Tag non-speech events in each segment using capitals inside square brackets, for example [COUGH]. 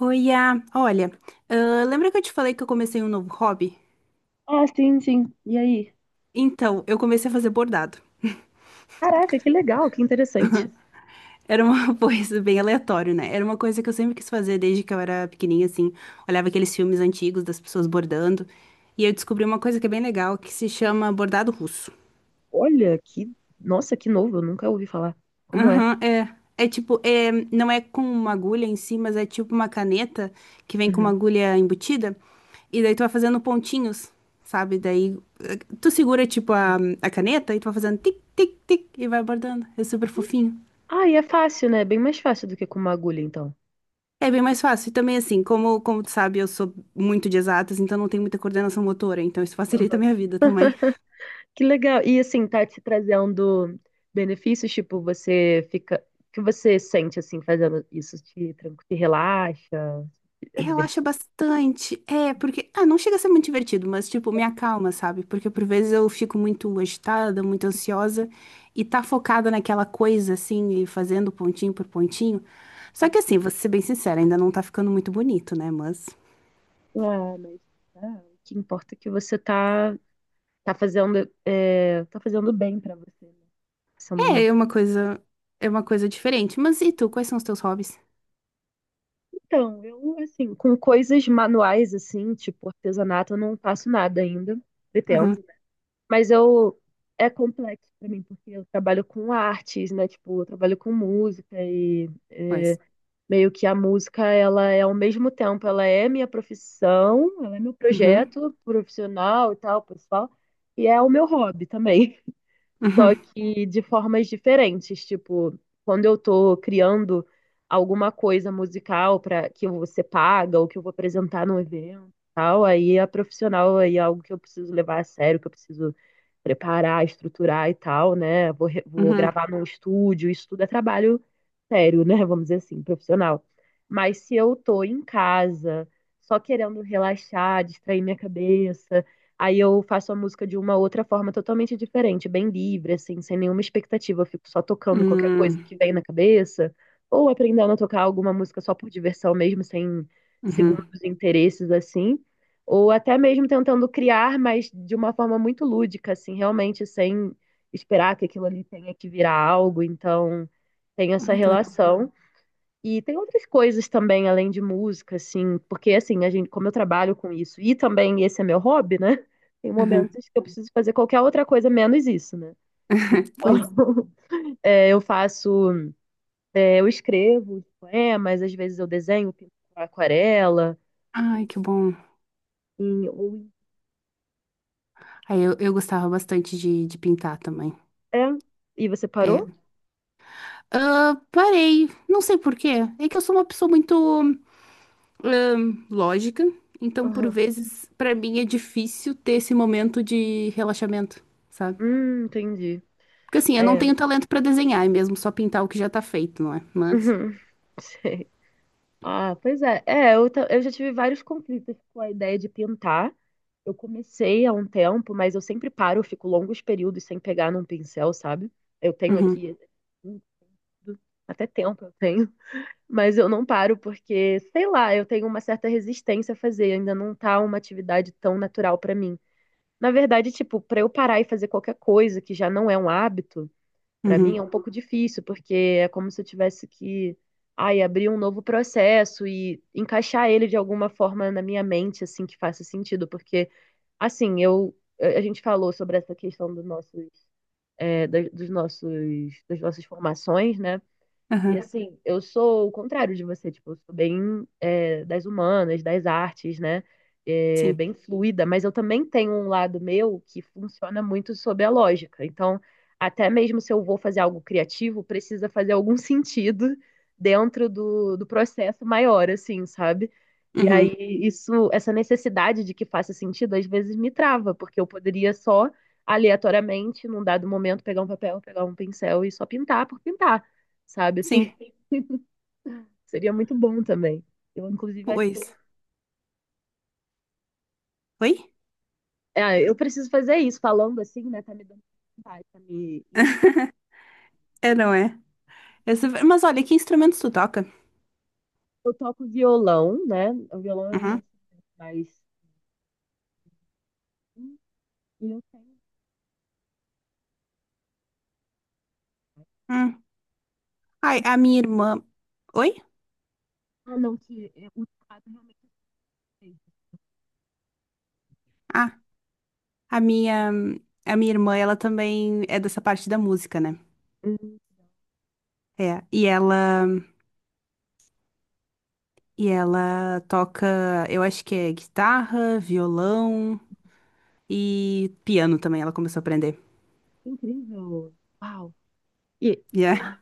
Oiá, olha, lembra que eu te falei que eu comecei um novo hobby? Ah, sim, sim. E aí? Então, eu comecei a fazer bordado. Caraca, que legal, que interessante. Era uma [LAUGHS] coisa bem aleatória, né? Era uma coisa que eu sempre quis fazer desde que eu era pequenininha, assim. Olhava aqueles filmes antigos das pessoas bordando. E eu descobri uma coisa que é bem legal, que se chama bordado russo. Olha, que. Nossa, que novo, eu nunca ouvi falar. Como é? Aham, é. Não é com uma agulha em si, mas é tipo uma caneta que vem com uma Uhum. agulha embutida. E daí tu vai fazendo pontinhos, sabe? Daí tu segura tipo a caneta e tu vai fazendo tic, tic, tic e vai bordando. É super fofinho. Ah, e é fácil, né? Bem mais fácil do que com uma agulha, então. É bem mais fácil. E também assim, como tu sabe, eu sou muito de exatas, então não tenho muita coordenação motora, então isso [LAUGHS] facilita a minha vida também. Que legal. E assim, tá te trazendo benefícios, tipo, você fica. O que você sente, assim, fazendo isso? Te relaxa? É Relaxa divertido? bastante. É, porque. Ah, não chega a ser muito divertido, mas, tipo, me acalma, sabe? Porque por vezes eu fico muito agitada, muito ansiosa e tá focada naquela coisa, assim, e fazendo pontinho por pontinho. Só que, assim, vou ser bem sincera, ainda não tá ficando muito bonito, né? Mas. Ah, mas. Ah, o que importa é que tá fazendo. É, tá fazendo bem pra você, né? Sendo É, uma... é uma coisa. É uma coisa diferente. Mas e tu, quais são os teus hobbies? Então, eu, assim, com coisas manuais, assim, tipo artesanato, eu não faço nada ainda, pretendo. Uhum, Né? Mas eu, é complexo pra mim, porque eu trabalho com artes, né? Tipo, eu trabalho com música pois. meio que a música, ela é ao mesmo tempo, ela é minha profissão, ela é meu Uhum, projeto profissional e tal, pessoal, e é o meu hobby também, só uhum, que de formas diferentes. Tipo, quando eu tô criando alguma coisa musical para que você paga ou que eu vou apresentar num evento, e tal, aí a profissional aí é algo que eu preciso levar a sério, que eu preciso preparar, estruturar e tal, né? Vou uhum, gravar num estúdio, isso tudo é trabalho sério, né? [LAUGHS] Vamos dizer assim, profissional. Mas se eu tô em casa, só querendo relaxar, distrair minha cabeça, aí eu faço a música de uma outra forma totalmente diferente, bem livre, assim, sem nenhuma expectativa. Eu fico só tocando qualquer coisa uhum, que vem na cabeça, ou aprendendo a tocar alguma música só por diversão mesmo, sem uhum. segundos interesses, assim. Ou até mesmo tentando criar, mas de uma forma muito lúdica, assim, realmente sem esperar que aquilo ali tenha que virar algo. Então, tem essa Ai, que legal. relação. E tem outras coisas também, além de música, assim, porque assim, a gente, como eu trabalho com isso, e também esse é meu hobby, né? [LAUGHS] Tem Uhum. momentos que eu preciso fazer qualquer outra coisa menos isso, né? [LAUGHS] Pois. Então, [LAUGHS] é, eu faço, é, eu escrevo os poemas, às vezes eu desenho, pinto com aquarela, Ai, que bom. e, ou- Aí eu gostava bastante de pintar também. é. E você É. parou? Ah, parei, não sei por quê. É que eu sou uma pessoa muito lógica, então por Aham. vezes pra mim é difícil ter esse momento de relaxamento, sabe? Entendi. Porque assim, eu não É. tenho [LAUGHS] talento pra desenhar, é mesmo só pintar o que já tá feito, não é? Mas. Uhum. Sei. Ah, pois é. Eu já tive vários conflitos com a ideia de pintar. Eu comecei há um tempo, mas eu sempre paro, eu fico longos períodos sem pegar num pincel, sabe? Eu tenho Uhum, aqui, até tempo eu tenho, [LAUGHS] mas eu não paro porque, sei lá, eu tenho uma certa resistência a fazer, ainda não tá uma atividade tão natural pra mim. Na verdade, tipo, pra eu parar e fazer qualquer coisa que já não é um hábito, pra mim é uhum, um pouco difícil, porque é como se eu tivesse que, ai, abrir um novo processo e encaixar ele de alguma forma na minha mente, assim, que faça sentido, porque... Assim, eu a gente falou sobre essa questão dos nossos dos nossos, das nossas formações, né? E aham, assim, eu sou o contrário de você, tipo, eu sou bem é, das humanas, das artes, né? É, sim, bem fluida, mas eu também tenho um lado meu que funciona muito sob a lógica. Então, até mesmo se eu vou fazer algo criativo, precisa fazer algum [LAUGHS] sentido dentro do processo maior, assim, sabe? E aí, uhum, isso, essa necessidade de que faça sentido, às vezes me trava, porque eu poderia só, aleatoriamente, num dado momento, pegar um papel, pegar um pincel e só pintar por pintar, sabe? sim, Assim, [LAUGHS] seria muito bom também. Eu, inclusive, acho que eu, pois. Oi? é, eu preciso fazer isso, falando assim, né? Tá me dando vontade, tá me... [LAUGHS] É, não é? Essa- Mas olha, que instrumentos tu toca? Eu toco violão, né? O violão é o meu Uhum. instrumento, mas e eu tenho... Hum. Ai, a minha irmã. Oi? ah, não, que é, o teclado realmente tem. Ah, A minha, a minha irmã, ela também é dessa parte da música, né? Hum, É, e ela, e ela toca, eu acho que é guitarra, violão e piano também, ela começou a aprender. que incrível. Uau. E Yeah. ah,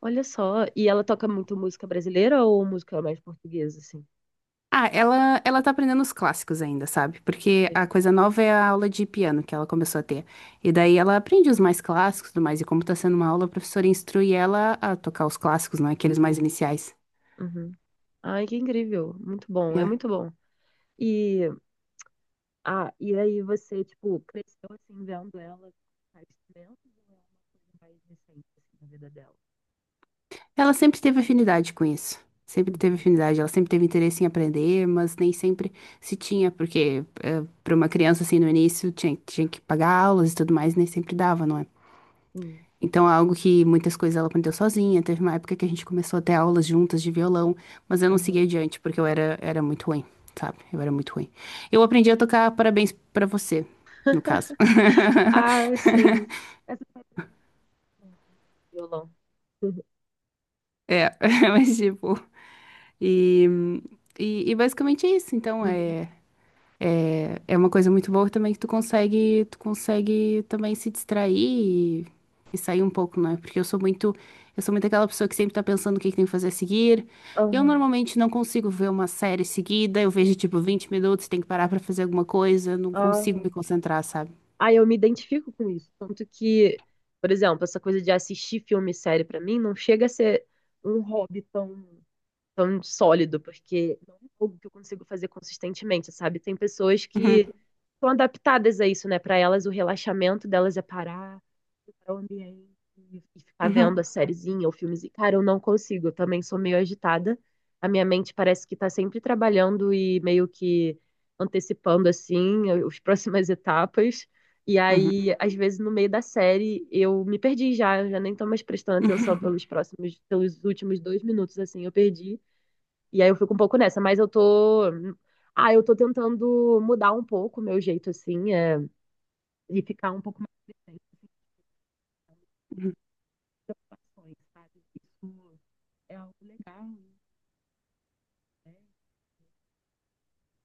olha só, e ela toca muito música brasileira ou música mais portuguesa, assim? Ah, ela tá aprendendo os clássicos ainda, sabe? Porque É. a coisa nova é a aula de piano que ela começou a ter. E daí ela aprende os mais clássicos e tudo mais. E como tá sendo uma aula, a professora instrui ela a tocar os clássicos, não aqueles mais iniciais. Uhum. Ai, que incrível. Muito bom, é Yeah. muito bom. E ah, e aí você, tipo, cresceu assim, vendo ela faz tempo ou é uma coisa mais recente, assim, na vida dela? Ela sempre teve afinidade com isso. Sempre teve Uhum, afinidade, ela sempre teve interesse em aprender, mas nem sempre se tinha, porque para uma criança assim no início tinha, tinha que pagar aulas e tudo mais, nem sempre dava, não é? sim, Então é algo que muitas coisas ela aprendeu sozinha. Teve uma época que a gente começou a ter aulas juntas de violão, mas eu não segui aham. adiante porque era muito ruim, sabe? Eu era muito ruim. Eu aprendi a tocar Parabéns pra você, no caso. [LAUGHS] Ah, sim. [LAUGHS] Essa foi a pergunta, violão. [LAUGHS] É, [LAUGHS] mas tipo, e, e basicamente é isso. Então Uhum, é. É uma coisa muito boa também que tu consegue também se distrair e sair um pouco, né? Porque eu sou muito aquela pessoa que sempre tá pensando o que que tem que fazer a seguir. uhum, Eu aham, normalmente não consigo ver uma série seguida, eu vejo tipo 20 minutos, tenho que parar pra fazer alguma coisa, não consigo me aham. concentrar, sabe? Ah, eu me identifico com isso. Tanto que, por exemplo, essa coisa de assistir filme e série pra mim não chega a ser um hobby tão... tão sólido, porque não é algo que eu consigo fazer consistentemente, sabe? Tem pessoas Uhum, que estão adaptadas a isso, né? Para elas, o relaxamento delas é parar, para o ambiente e ficar vendo uhum, a sériezinha ou filmezinho. Cara, eu não consigo, eu também sou meio agitada. A minha mente parece que tá sempre trabalhando e meio que antecipando, assim, as [LAUGHS] próximas etapas. E uhum, aí, às vezes, no meio da série, eu me perdi já, eu já nem tô mais prestando atenção uhum, pelos [LAUGHS] próximos, pelos últimos dois minutos, assim, eu perdi. E aí eu fico um pouco nessa, mas eu tô. Ah, eu tô tentando mudar um pouco o meu jeito, assim, é, e ficar um pouco mais presente uhum. nas situações, sabe? Isso é algo legal, né?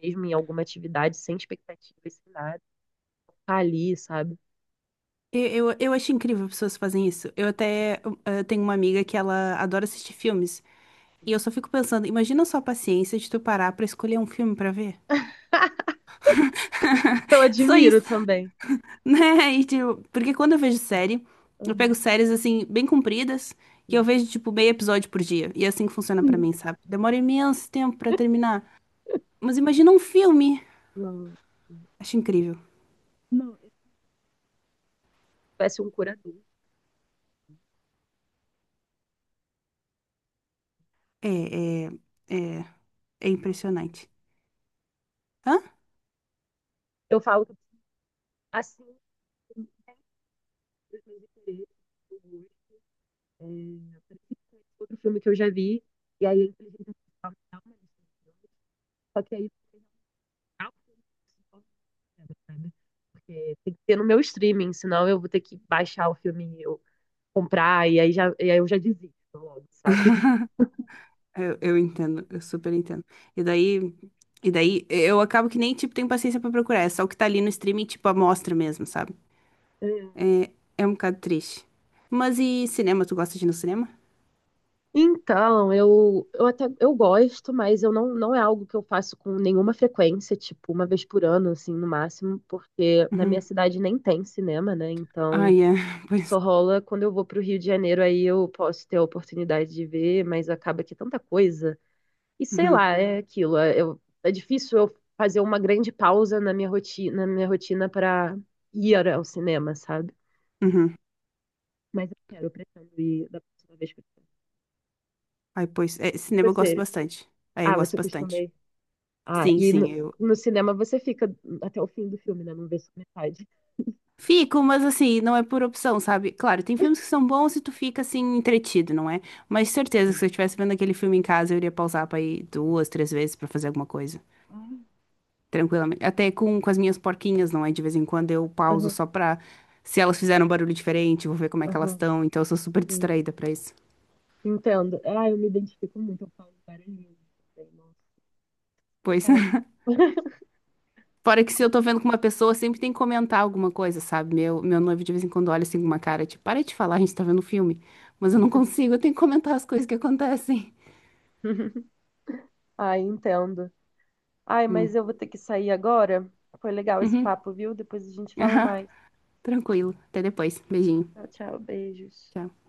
Mesmo em alguma atividade, sem expectativas, sem nada, tá ali, sabe? Eu acho incrível pessoas que fazem isso. Eu até tenho uma amiga que ela adora assistir filmes. E eu só fico pensando, imagina só a paciência de tu parar pra escolher um filme pra ver. Eu [LAUGHS] Só admiro isso, também. né? E, tipo, porque quando eu vejo série, eu pego Uhum, séries assim, bem compridas, que eu sim. vejo, tipo, meio episódio por dia. E é assim que funciona pra mim, [LAUGHS] sabe? Demora imenso tempo pra terminar. Mas imagina um filme. Não, Acho incrível. não, eu parece um curador. É, é, é, é Eu falo, impressionante. Hã? eu falo assim, os meus interesses, é, outro filme que eu já vi, e aí a inteligência artificial me dá uma lista, só que aí não dá, sabe? Porque tem que ter no meu streaming, senão eu vou ter que baixar o filme e eu comprar, e aí, já, e aí eu já desisto logo, sabe? Eu entendo, eu super entendo. E daí, e daí eu acabo que nem, tipo, tenho paciência pra procurar. É só o que tá ali no streaming, tipo, amostra mesmo, sabe? É. É, é um bocado triste. Mas e cinema? Tu gosta de ir no cinema? Então, eu até eu gosto, mas eu não é algo que eu faço com nenhuma frequência, tipo, uma vez por ano, assim, no máximo, porque na minha Uhum. cidade nem tem cinema, né? Então, Ai, é. [LAUGHS] Pois. só rola quando eu vou pro Rio de Janeiro, aí eu posso ter a oportunidade de ver, mas acaba que é tanta coisa. E sei Uhum, lá, é aquilo. É, eu- é difícil eu fazer uma grande pausa na minha rotina para ir ao cinema, sabe? uhum. Mas eu quero, eu pretendo ir da próxima vez que eu for. Ai, pois. É, E cinema eu gosto você? bastante. Aí eu Ah, gosto você costuma bastante. ir. Ah, Sim, sim, eu. no cinema você fica até o fim do filme, né? Não vê só metade. Fico, mas assim, não é por opção, sabe? Claro, tem filmes que são bons e tu fica assim, entretido, não é? Mas certeza que Sim. se eu estivesse vendo aquele filme em casa, eu iria pausar pra ir duas, três vezes pra fazer alguma coisa. Ah, Tranquilamente. Até com as minhas porquinhas, não é? De vez em quando eu pauso aham, só pra. Se elas fizeram um barulho diferente, vou ver como é que elas aham, estão. Então eu sou super sim. distraída pra isso. Entendo. Ah, eu me identifico muito, eu falo várias vezes também, nossa. Pois. É. [LAUGHS] [LAUGHS] Fora que se eu tô vendo com uma pessoa, sempre tem que comentar alguma coisa, sabe? Meu noivo de vez em quando olha assim com uma cara, tipo, para de falar, a gente tá vendo um filme. Mas eu não consigo, eu tenho que comentar as coisas que acontecem. [LAUGHS] Ai, entendo. Ai, mas eu vou ter que sair agora. Foi legal esse papo, viu? Depois a gente [LAUGHS] fala Aham, mais. tranquilo. Até depois. Beijinho. Tchau, tchau, beijos. Tchau.